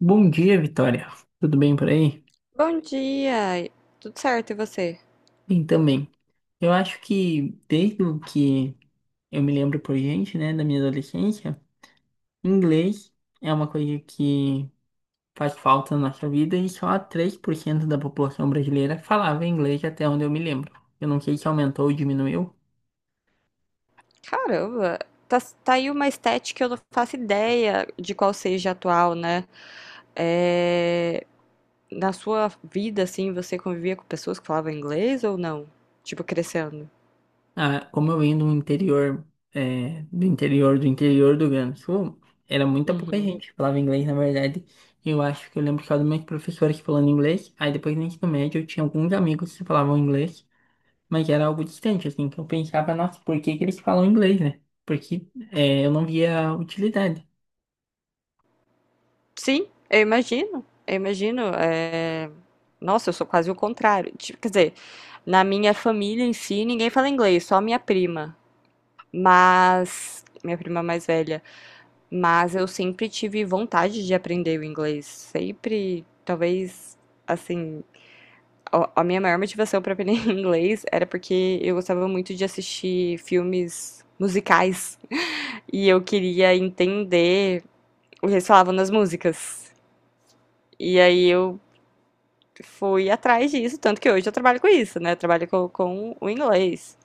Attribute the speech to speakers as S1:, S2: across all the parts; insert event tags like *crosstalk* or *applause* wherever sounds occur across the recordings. S1: Bom dia, Vitória. Tudo bem por aí?
S2: Bom dia! Tudo certo, e você?
S1: Bem também. Eu acho que desde o que eu me lembro por gente, né, da minha adolescência, inglês é uma coisa que faz falta na nossa vida e só 3% da população brasileira falava inglês até onde eu me lembro. Eu não sei se aumentou ou diminuiu.
S2: Caramba, tá, tá aí uma estética que eu não faço ideia de qual seja atual, né? É, Na sua vida, assim, você convivia com pessoas que falavam inglês ou não? Tipo, crescendo?
S1: Ah, como eu vim do interior, do interior do Rio Grande do Sul, era muita pouca
S2: Uhum.
S1: gente que falava inglês, na verdade. Eu acho que eu lembro que era uma professora que falando inglês, aí depois no ensino médio eu tinha alguns amigos que falavam inglês, mas era algo distante, assim, que eu pensava, nossa, por que que eles falam inglês, né? Porque eu não via utilidade.
S2: Sim, eu imagino, eu imagino. Nossa, eu sou quase o contrário. Tipo, quer dizer, na minha família em si, ninguém fala inglês, só minha prima. Mas, minha prima mais velha. Mas eu sempre tive vontade de aprender o inglês. Sempre, talvez, assim, a minha maior motivação para aprender *laughs* inglês era porque eu gostava muito de assistir filmes musicais e eu queria entender o que eles falavam nas músicas. E aí eu fui atrás disso, tanto que hoje eu trabalho com isso, né? Eu trabalho com o inglês.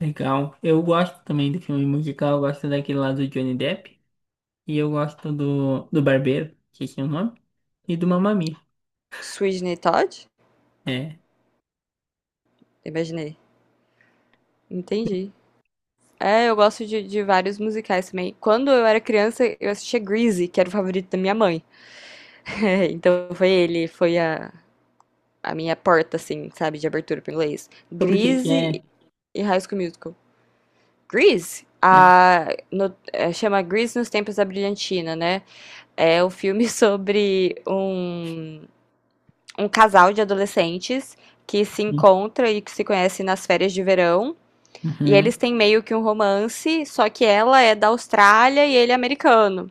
S1: Legal. Eu gosto também do filme musical, eu gosto daquele lá do Johnny Depp, e eu gosto do Barbeiro, que é o nome, e do Mamma Mia.
S2: Sweeney Todd?
S1: É.
S2: Imaginei. Entendi. É, eu gosto de vários musicais também. Quando eu era criança, eu assistia Grease, que era o favorito da minha mãe. *laughs* Então foi ele, a minha porta, assim, sabe, de abertura pro inglês.
S1: Sobre o que que
S2: Grease
S1: é...
S2: e High School Musical. Grease?
S1: É.
S2: A, no- É, chama Grease nos Tempos da Brilhantina, né? É um filme *laughs* sobre um casal de adolescentes que se encontra e que se conhece nas férias de verão. E
S1: Uhum,
S2: eles têm meio que um romance, só que ela é da Austrália e ele é americano.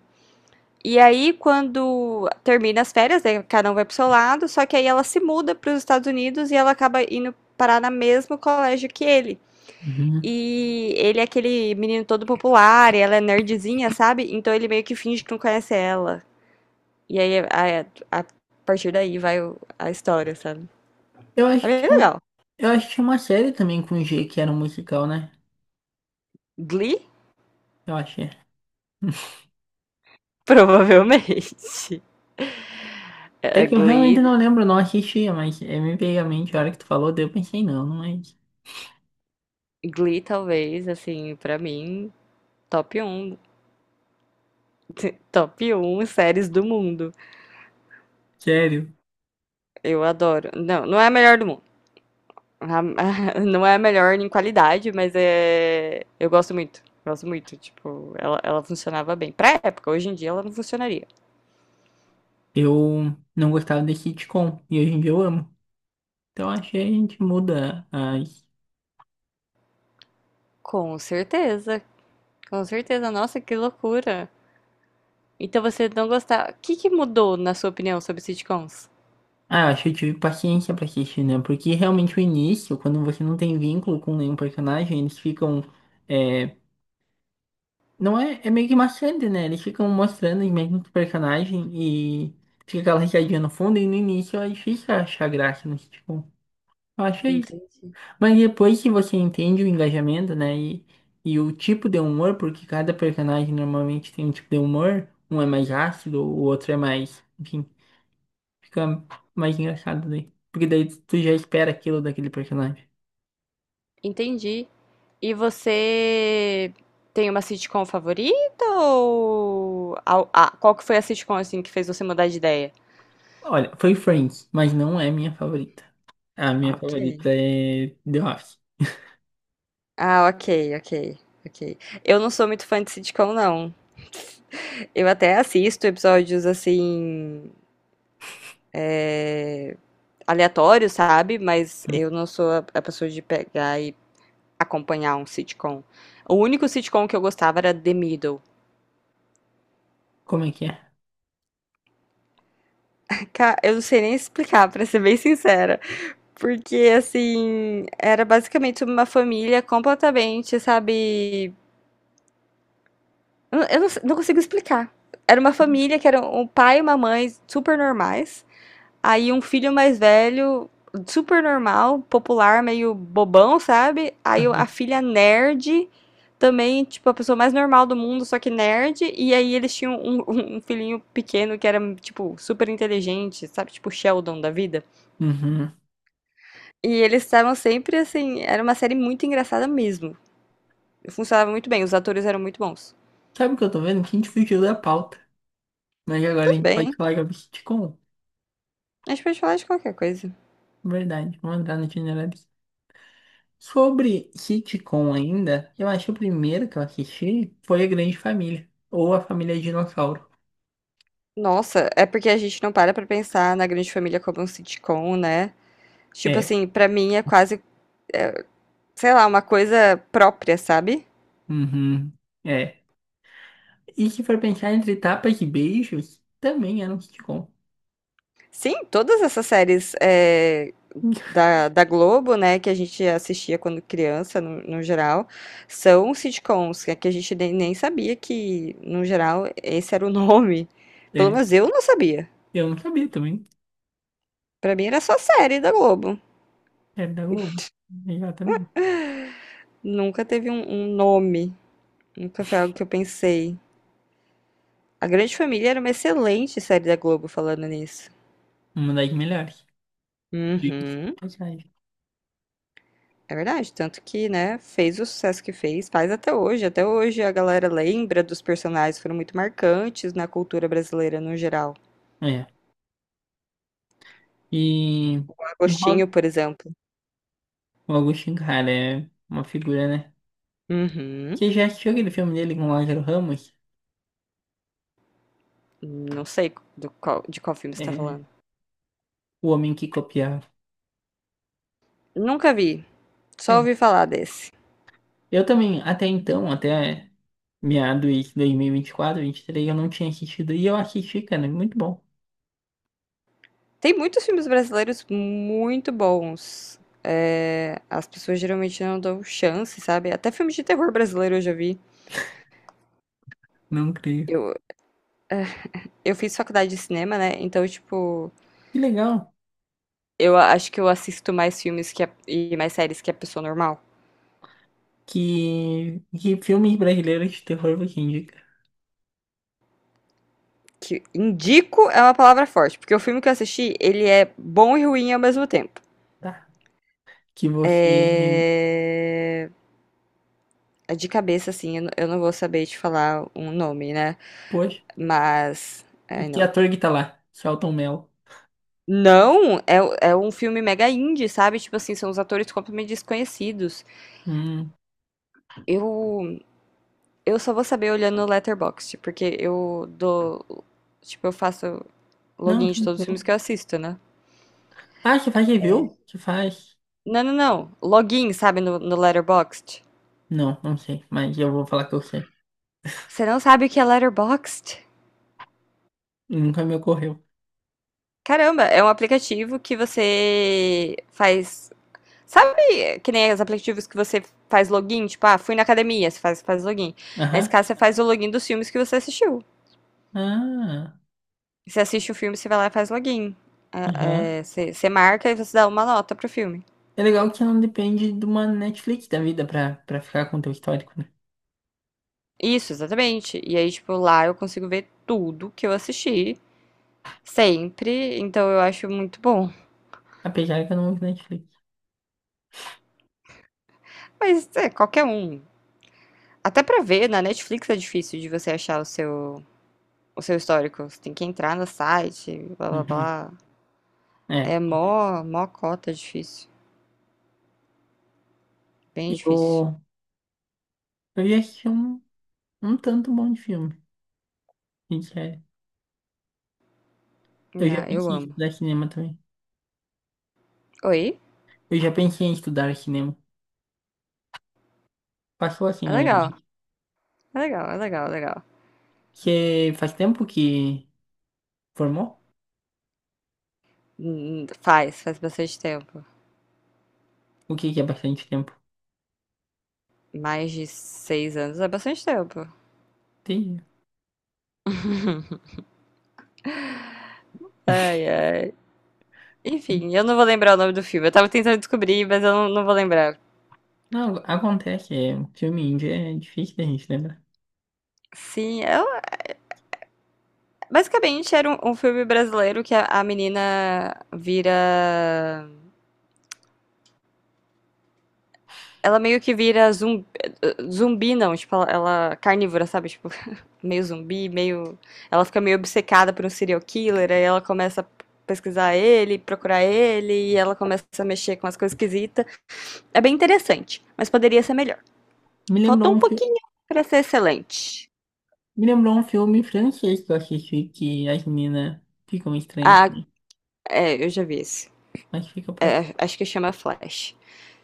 S2: E aí, quando termina as férias, né, cada um vai pro seu lado, só que aí ela se muda para os Estados Unidos e ela acaba indo parar no mesmo colégio que ele.
S1: uhum.
S2: E ele é aquele menino todo popular, e ela é nerdzinha, sabe? Então ele meio que finge que não conhece ela. E aí, a partir daí vai a história, sabe?
S1: Eu
S2: É
S1: acho
S2: bem
S1: que eu,
S2: legal.
S1: eu acho que tinha uma série também com G que era um musical, né?
S2: Glee?
S1: Eu achei.
S2: Provavelmente. *laughs*
S1: É. É
S2: É,
S1: que eu realmente
S2: Glee,
S1: não lembro, não assistia, mas me veio à mente a hora que tu falou, daí eu pensei, não, não é isso.
S2: Glee talvez, assim, pra mim, top um *laughs* top um séries do mundo.
S1: Sério,
S2: Eu adoro. Não, não é a melhor do mundo. *laughs* Não é a melhor em qualidade, mas é. Eu gosto muito. Gosto muito. Tipo, ela funcionava bem. Pra época, hoje em dia ela não funcionaria.
S1: eu não gostava desse sitcom e hoje em dia eu amo. Então acho que a gente muda as.
S2: Com certeza. Com certeza. Nossa, que loucura. Então você não gostava. O que que mudou, na sua opinião, sobre sitcoms?
S1: Ah, eu acho que eu tive paciência pra assistir, né? Porque realmente o início, quando você não tem vínculo com nenhum personagem, eles ficam. é, Não é, é meio que maçante, né? Eles ficam mostrando os mesmos personagens e fica aquela risadinha no fundo, e no início é difícil achar graça no sitcom. Eu acho isso.
S2: Entendi.
S1: Mas depois que você entende o engajamento, né? E o tipo de humor, porque cada personagem normalmente tem um tipo de humor, um é mais ácido, o outro é mais, enfim, fica mais engraçado daí. Porque daí tu já espera aquilo daquele personagem.
S2: Entendi. E você tem uma sitcom favorita ou. Qual que foi a sitcom assim que fez você mudar de ideia?
S1: Olha, foi Friends, mas não é minha favorita. A minha
S2: Ok.
S1: favorita é The Office.
S2: Ah, ok, ok, ok. Eu não sou muito fã de sitcom, não. Eu até assisto episódios assim, aleatórios, sabe? Mas eu não sou a pessoa de pegar e acompanhar um sitcom. O único sitcom que eu gostava era The Middle.
S1: Como é que é?
S2: Eu não sei nem explicar, *laughs* pra ser bem sincera. Porque, assim, era basicamente uma família completamente, sabe? Eu não consigo explicar. Era uma família que era um pai e uma mãe super normais. Aí um filho mais velho, super normal, popular, meio bobão, sabe? Aí a
S1: Aham.
S2: filha nerd, também, tipo, a pessoa mais normal do mundo, só que nerd. E aí eles tinham um, *laughs* um filhinho pequeno que era, tipo, super inteligente, sabe? Tipo, Sheldon da vida.
S1: Uhum.
S2: E eles estavam sempre assim. Era uma série muito engraçada mesmo. Funcionava muito bem, os atores eram muito bons.
S1: Sabe o que eu tô vendo? Que a gente fugiu da pauta. Mas agora a
S2: Tudo
S1: gente pode
S2: bem,
S1: falar sobre sitcom.
S2: a gente pode falar de qualquer coisa.
S1: Verdade, vamos entrar no generalista. Sobre sitcom ainda, eu acho que o primeiro que eu assisti foi A Grande Família. Ou A Família Dinossauro.
S2: Nossa, é porque a gente não para pra pensar na Grande Família como um sitcom, né? Tipo
S1: É.
S2: assim, pra mim é quase, é, sei lá, uma coisa própria, sabe?
S1: Uhum. É. E se for pensar entre tapas e beijos, também era um sitcom.
S2: Sim, todas essas séries da Globo, né, que a gente assistia quando criança, no geral, são sitcoms, que é que a gente nem sabia que, no geral, esse era o *laughs* nome. Pelo
S1: É.
S2: menos eu não sabia.
S1: Eu não sabia também.
S2: Pra mim era só série da Globo.
S1: Era da Globo. Exatamente.
S2: Nunca teve um nome. Nunca foi algo que eu pensei. A Grande Família era uma excelente série da Globo, falando nisso.
S1: Uma das melhores. Diga-se de
S2: Uhum.
S1: passagem.
S2: É verdade, tanto que, né, fez o sucesso que fez, faz até hoje. Até hoje a galera lembra dos personagens que foram muito marcantes na cultura brasileira no geral.
S1: É. E,
S2: O
S1: e
S2: Agostinho,
S1: Rob,
S2: por exemplo.
S1: o Agostinho, cara, é uma figura, né?
S2: Uhum.
S1: Você já assistiu aquele filme dele com o Lázaro Ramos?
S2: Não sei de qual filme você tá
S1: É,
S2: falando.
S1: O Homem que Copiava.
S2: Nunca vi, só
S1: É.
S2: ouvi falar desse.
S1: Eu também, até então, até meados de dois mil e vinte vinte quatro vinte e três eu não tinha assistido. E eu assisti, cara, é muito bom.
S2: Tem muitos filmes brasileiros muito bons. É, as pessoas geralmente não dão chance, sabe? Até filmes de terror brasileiro eu já vi.
S1: Não creio.
S2: Eu, eu fiz faculdade de cinema, né? Então, tipo,
S1: Que legal.
S2: Acho que eu assisto mais filmes e mais séries que a pessoa normal.
S1: Que filmes brasileiros de terror você indica,
S2: Que indico é uma palavra forte, porque o filme que eu assisti, ele é bom e ruim ao mesmo tempo.
S1: tá? Que você...
S2: É... É de cabeça, assim, eu não vou saber te falar um nome, né?
S1: Poxa,
S2: Mas. Ai,
S1: que
S2: não.
S1: ator que tá lá? Selton Mello.
S2: Não, é um filme mega indie, sabe? Tipo assim, são os atores completamente desconhecidos.
S1: Hum.
S2: Eu, eu só vou saber olhando no Letterboxd, porque eu dou. Tipo, eu faço
S1: Não,
S2: login de todos os filmes
S1: tranquilo.
S2: que eu assisto, né?
S1: Ah, você faz review? Você faz...
S2: Não, não, não. Login, sabe, no Letterboxd.
S1: Não, não sei, mas eu vou falar que eu sei.
S2: Você não sabe o que é Letterboxd?
S1: Nunca me ocorreu.
S2: Caramba, é um aplicativo que você faz. Sabe que nem os aplicativos que você faz login? Tipo, ah, fui na academia, você faz, faz login. Nesse
S1: Aham.
S2: caso, você faz o login dos filmes que você assistiu.
S1: Ah,
S2: Você assiste o filme, você vai lá e faz login.
S1: aham.
S2: É, é, você marca e você dá uma nota pro filme.
S1: É legal que não depende de uma Netflix da vida pra, pra ficar com o teu histórico, né?
S2: Isso, exatamente. E aí, tipo, lá eu consigo ver tudo que eu assisti, sempre. Então eu acho muito bom.
S1: Apesar que eu não uso Netflix.
S2: Mas é, qualquer um. Até pra ver, na Netflix é difícil de você achar o seu histórico. Você tem que entrar no site, blá blá
S1: Uhum.
S2: blá.
S1: É.
S2: É mó, mó cota difícil. Bem difícil.
S1: Eu, eu já assisti um tanto bom de filme, sincero. Eu
S2: Não,
S1: já
S2: eu
S1: pensei em
S2: amo.
S1: estudar cinema também.
S2: Oi?
S1: Eu já pensei em estudar cinema. Passou assim
S2: É
S1: na minha
S2: legal.
S1: cabeça.
S2: É legal, é legal, é legal.
S1: Você faz tempo que formou?
S2: Faz, faz bastante tempo.
S1: O que que é bastante tempo?
S2: Mais de 6 anos é bastante tempo.
S1: Tem.
S2: Ai, ai. Enfim, eu não vou lembrar o nome do filme. Eu tava tentando descobrir, mas eu não, não vou lembrar.
S1: Não, acontece, é, filme índio é difícil da gente lembrar.
S2: Sim, basicamente era um filme brasileiro que a menina vira. Ela meio que vira zumbi, zumbi não, tipo, ela carnívora, sabe? Tipo, *laughs* meio zumbi, meio. Ela fica meio obcecada por um serial killer, aí ela começa a pesquisar ele, procurar ele, e ela começa a mexer com as coisas esquisitas. É bem interessante, mas poderia ser melhor.
S1: Me
S2: Faltou
S1: lembrou
S2: um
S1: um filme,
S2: pouquinho pra ser excelente.
S1: me lembrou um filme francês que eu assisti que as meninas ficam estranhas
S2: Ah,
S1: também,
S2: é, eu já vi esse.
S1: mas fica pra
S2: É, acho que chama Flash.